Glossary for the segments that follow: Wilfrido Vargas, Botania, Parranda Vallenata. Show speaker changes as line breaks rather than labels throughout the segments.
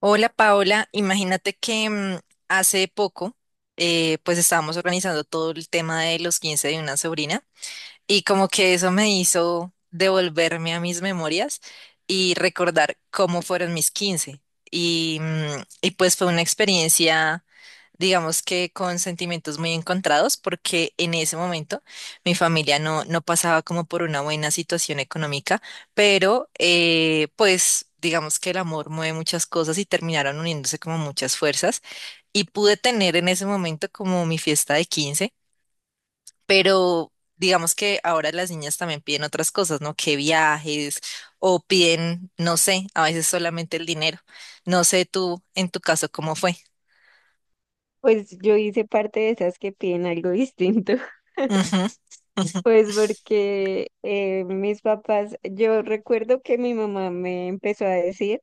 Hola Paola, imagínate que hace poco pues estábamos organizando todo el tema de los 15 de una sobrina, y como que eso me hizo devolverme a mis memorias y recordar cómo fueron mis quince. Y pues fue una experiencia, digamos que con sentimientos muy encontrados, porque en ese momento mi familia no pasaba como por una buena situación económica, pero pues digamos que el amor mueve muchas cosas y terminaron uniéndose como muchas fuerzas. Y pude tener en ese momento como mi fiesta de quince, pero digamos que ahora las niñas también piden otras cosas, ¿no? Que viajes o piden, no sé, a veces solamente el dinero. No sé tú, en tu caso, cómo fue.
Pues yo hice parte de esas que piden algo distinto.
Ujú, ujú.
Pues porque mis papás, yo recuerdo que mi mamá me empezó a decir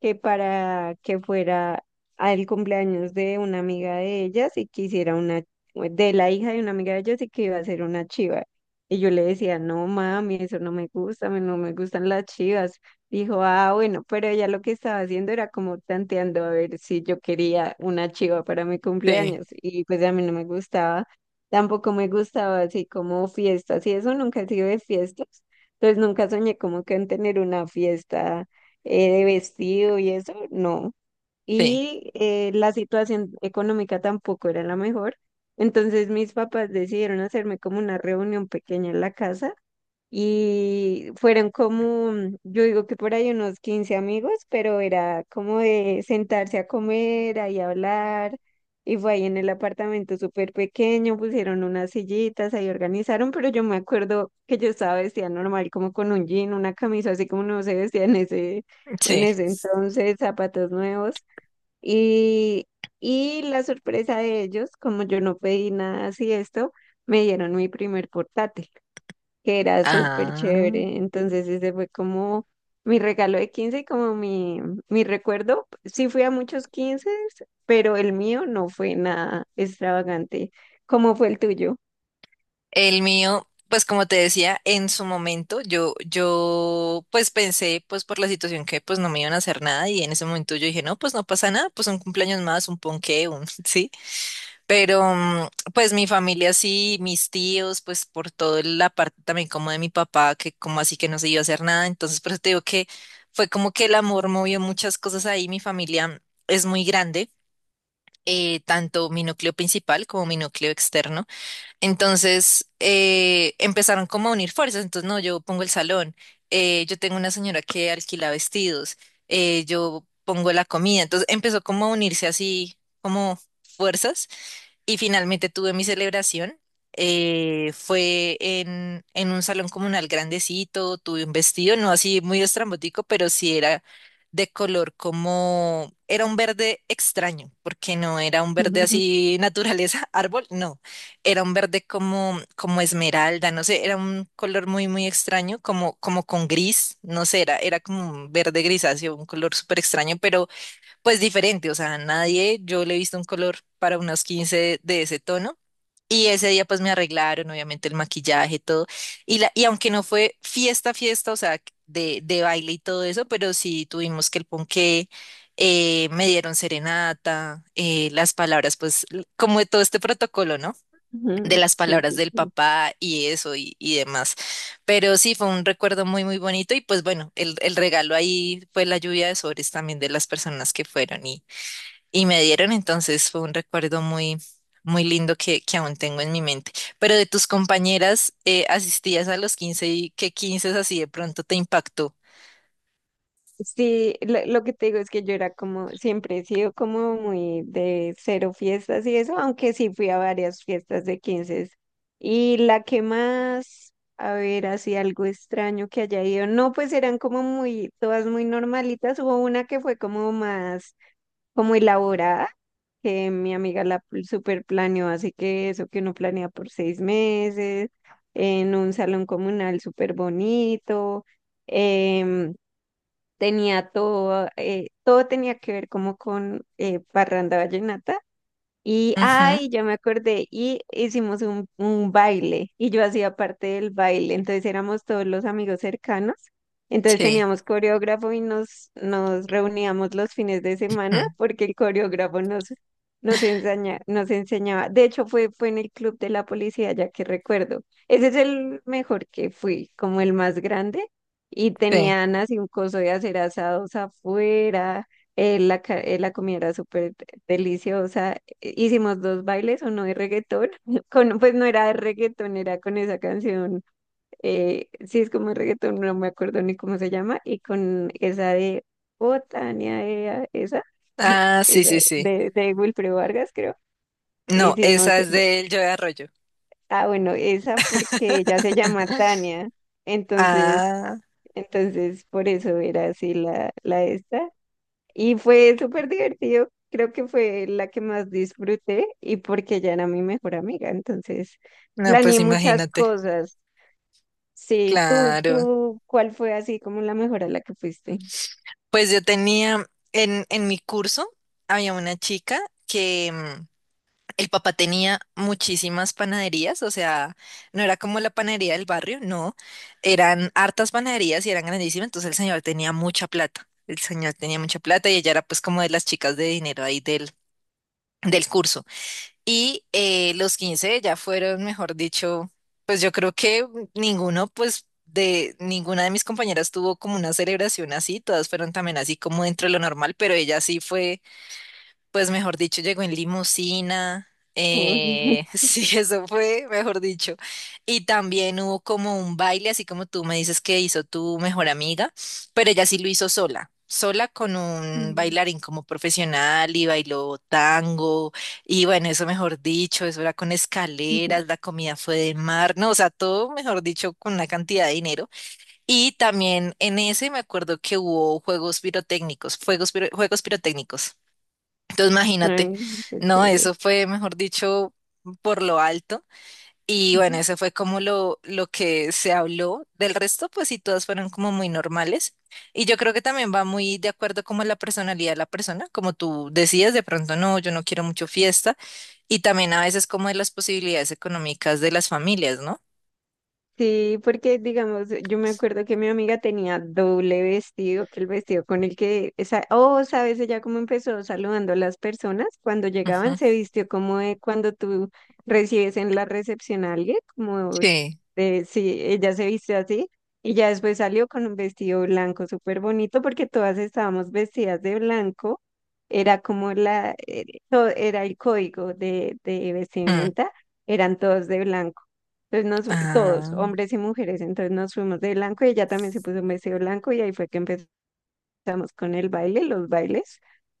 que para que fuera al cumpleaños de una amiga de ellas y que hiciera una, de la hija de una amiga de ellas y que iba a ser una chiva. Y yo le decía, no mami, eso no me gusta, no me gustan las chivas. Dijo, ah, bueno, pero ella lo que estaba haciendo era como tanteando a ver si yo quería una chiva para mi
Sí,
cumpleaños. Y pues a mí no me gustaba, tampoco me gustaba así como fiestas y eso nunca he sido de fiestas. Entonces nunca soñé como que en tener una fiesta de vestido y eso, no.
sí,
Y la situación económica tampoco era la mejor. Entonces mis papás decidieron hacerme como una reunión pequeña en la casa y fueron como, yo digo que por ahí unos 15 amigos, pero era como de sentarse a comer, ahí hablar. Y fue ahí en el apartamento súper pequeño, pusieron unas sillitas, ahí organizaron, pero yo me acuerdo que yo estaba vestida normal, como con un jean, una camisa, así como no se vestía en ese, en
sí.
ese entonces, zapatos nuevos. Y, y la sorpresa de ellos, como yo no pedí nada así esto, me dieron mi primer portátil que era súper
Ah.
chévere. Entonces ese fue como mi regalo de 15 y como mi recuerdo. Sí fui a muchos 15 pero el mío no fue nada extravagante. ¿Cómo fue el tuyo?
El mío, pues como te decía, en su momento yo pues pensé, pues por la situación, que pues no me iban a hacer nada, y en ese momento yo dije, no, pues no pasa nada, pues un cumpleaños más, un ponqué, un, sí. Pero pues mi familia sí, mis tíos, pues por toda la parte también como de mi papá, que como así que no se iba a hacer nada, entonces por eso te digo que fue como que el amor movió muchas cosas ahí. Mi familia es muy grande, tanto mi núcleo principal como mi núcleo externo, entonces empezaron como a unir fuerzas, entonces no, yo pongo el salón, yo tengo una señora que alquila vestidos, yo pongo la comida, entonces empezó como a unirse así como fuerzas y finalmente tuve mi celebración. Fue en un salón comunal grandecito, tuve un vestido, no así muy estrambótico, pero sí era de color como, era un verde extraño, porque no era un verde así naturaleza, árbol, no, era un verde como, como esmeralda, no sé, era un color muy, muy extraño, como, como con gris, no sé, era, era como un verde grisáceo, un color súper extraño, pero pues diferente, o sea, nadie, yo le he visto un color para unos 15 de ese tono. Y ese día pues me arreglaron, obviamente el maquillaje, todo. Y, la, y aunque no fue fiesta, fiesta, o sea, de baile y todo eso, pero sí tuvimos que el ponqué, me dieron serenata, las palabras, pues como de todo este protocolo, ¿no? De
Ujú.
las
Sí,
palabras
sí,
del
sí.
papá y eso y demás. Pero sí, fue un recuerdo muy, muy bonito y pues bueno, el regalo ahí fue la lluvia de sobres también de las personas que fueron y me dieron, entonces fue un recuerdo muy, muy lindo que aún tengo en mi mente. Pero de tus compañeras, asistías a los quince, y qué 15 así de pronto te impactó.
Sí, lo que te digo es que yo era como, siempre he sido como muy de cero fiestas y eso, aunque sí fui a varias fiestas de 15. Y la que más, a ver, así algo extraño que haya ido, no, pues eran como muy, todas muy normalitas. Hubo una que fue como más, como elaborada, que mi amiga la super planeó, así que eso que uno planea por seis meses, en un salón comunal súper bonito tenía todo, todo tenía que ver como con Parranda Vallenata y,
Ujú,
ay, yo me acordé, y hicimos un baile, y yo hacía parte del baile, entonces éramos todos los amigos cercanos, entonces
sí,
teníamos coreógrafo y nos reuníamos los fines de semana
ujú,
porque el coreógrafo nos enseñaba, de hecho fue en el club de la policía, ya que recuerdo, ese es el mejor que fui, como el más grande, y
sí.
tenían así un coso de hacer asados afuera, la comida era súper deliciosa. Hicimos dos bailes, uno de reggaetón, con, pues no era de reggaetón, era con esa canción, sí es como de reggaetón, no me acuerdo ni cómo se llama, y con esa de Botania, ea, esa,
Ah, sí,
esa
sí, sí.
de Wilfrido Vargas, creo,
No,
hicimos,
esa es del Yo de Arroyo.
ah, bueno, esa porque ella se llama Tania, entonces,
Ah,
entonces por eso era así la esta. Y fue súper divertido. Creo que fue la que más disfruté y porque ella era mi mejor amiga. Entonces,
no, pues
planeé muchas
imagínate.
cosas. Sí,
Claro.
tú, ¿cuál fue así como la mejor a la que fuiste?
Pues yo tenía en mi curso, había una chica que, el papá tenía muchísimas panaderías, o sea, no era como la panadería del barrio, no, eran hartas panaderías y eran grandísimas, entonces el señor tenía mucha plata, el señor tenía mucha plata, y ella era pues como de las chicas de dinero ahí del, del curso. Y los 15 ya fueron, mejor dicho, pues yo creo que ninguno, pues de ninguna de mis compañeras tuvo como una celebración así, todas fueron también así como dentro de lo normal, pero ella sí fue, pues mejor dicho, llegó en limusina.
Uy.
Sí, eso fue, mejor dicho. Y también hubo como un baile, así como tú me dices que hizo tu mejor amiga, pero ella sí lo hizo sola, sola con un bailarín como profesional, y bailó tango. Y bueno, eso mejor dicho, eso era con escaleras, la comida fue de mar, no, o sea, todo mejor dicho con una cantidad de dinero. Y también en ese me acuerdo que hubo juegos pirotécnicos, juegos pirotécnicos. Entonces, imagínate,
Ay, qué
no,
chévere.
eso fue, mejor dicho, por lo alto. Y bueno, eso fue como lo que se habló. Del resto, pues sí, todas fueron como muy normales. Y yo creo que también va muy de acuerdo como a la personalidad de la persona, como tú decías, de pronto no, yo no quiero mucho fiesta. Y también a veces como de las posibilidades económicas de las familias, ¿no?
Sí, porque digamos, yo me acuerdo que mi amiga tenía doble vestido, que el vestido con el que, esa, oh, sabes, ella cómo empezó saludando a las personas cuando llegaban,
Ujú.
se vistió como de cuando tú recibes en la recepción a alguien, como
Sí.
de, sí, ella se vistió así, y ya después salió con un vestido blanco súper bonito porque todas estábamos vestidas de blanco, era como la, era el código de
Mm.
vestimenta, eran todos de blanco. Entonces todos,
Ah,
hombres y mujeres, entonces nos fuimos de blanco y ella también se puso un vestido blanco y ahí fue que empezó. Empezamos con el baile, los bailes,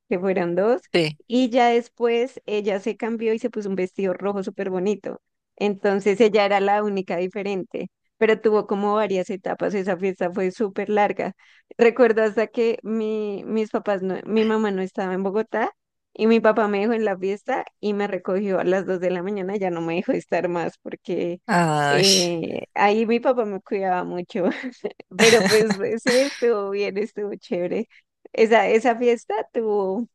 que fueron dos,
sí.
y ya después ella se cambió y se puso un vestido rojo súper bonito. Entonces ella era la única diferente, pero tuvo como varias etapas, esa fiesta fue súper larga. Recuerdo hasta que mis papás, mi mamá no estaba en Bogotá y mi papá me dejó en la fiesta y me recogió a las dos de la mañana, ya no me dejó estar más porque
Ay,
ahí mi papá me cuidaba mucho. Pero pues sí, estuvo bien, estuvo chévere. Esa fiesta tuvo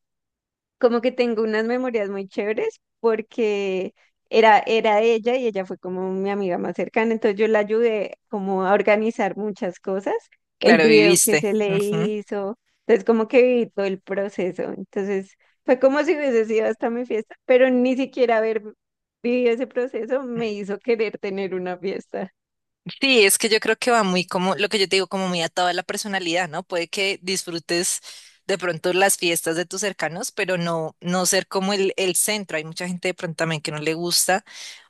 como que tengo unas memorias muy chéveres porque era ella y ella fue como mi amiga más cercana, entonces yo la ayudé como a organizar muchas cosas, el
claro,
video que
viviste.
se le
Ujú.
hizo, entonces como que viví todo el proceso, entonces fue como si hubiese sido hasta mi fiesta, pero ni siquiera haber vivido ese proceso me hizo querer tener una fiesta.
Sí, es que yo creo que va muy como, lo que yo te digo, como muy atado a la personalidad, ¿no? Puede que disfrutes de pronto las fiestas de tus cercanos, pero no, no ser como el centro. Hay mucha gente de pronto también que no le gusta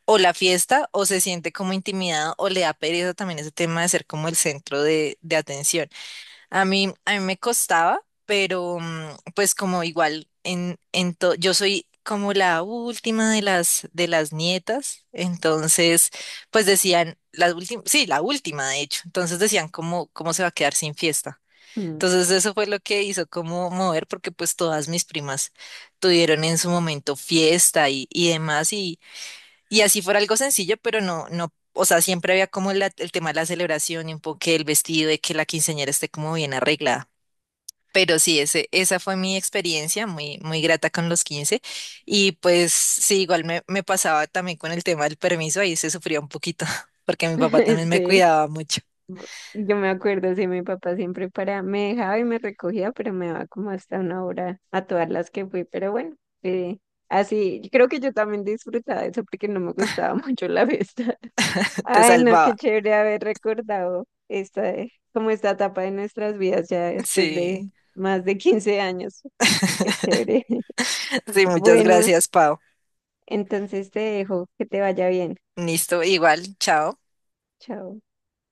o la fiesta o se siente como intimidada o le da pereza también ese tema de ser como el centro de atención. A mí me costaba, pero pues como igual en, yo soy como la última de las nietas, entonces pues decían la última, sí, la última de hecho, entonces decían cómo cómo se va a quedar sin fiesta.
Mm.
Entonces eso fue lo que hizo como mover, porque pues todas mis primas tuvieron en su momento fiesta y demás, y así fuera algo sencillo, pero no, o sea, siempre había como el tema de la celebración y un poco que el vestido, de que la quinceañera esté como bien arreglada. Pero sí, ese, esa fue mi experiencia muy, muy grata con los quince. Y pues sí, igual me, me pasaba también con el tema del permiso, ahí se sufría un poquito, porque mi papá también me
Sí,
cuidaba mucho,
yo me acuerdo, sí, mi papá siempre para, me dejaba y me recogía, pero me daba como hasta una hora a todas las que fui, pero bueno, eh, así, creo que yo también disfrutaba de eso porque no me gustaba mucho la fiesta.
te
Ay, no, qué
salvaba.
chévere haber recordado esta, como esta etapa de nuestras vidas ya después de
Sí,
más de 15 años, qué chévere.
sí, muchas
Bueno,
gracias, Pau.
entonces te dejo, que te vaya bien,
Listo, igual, chao.
chao.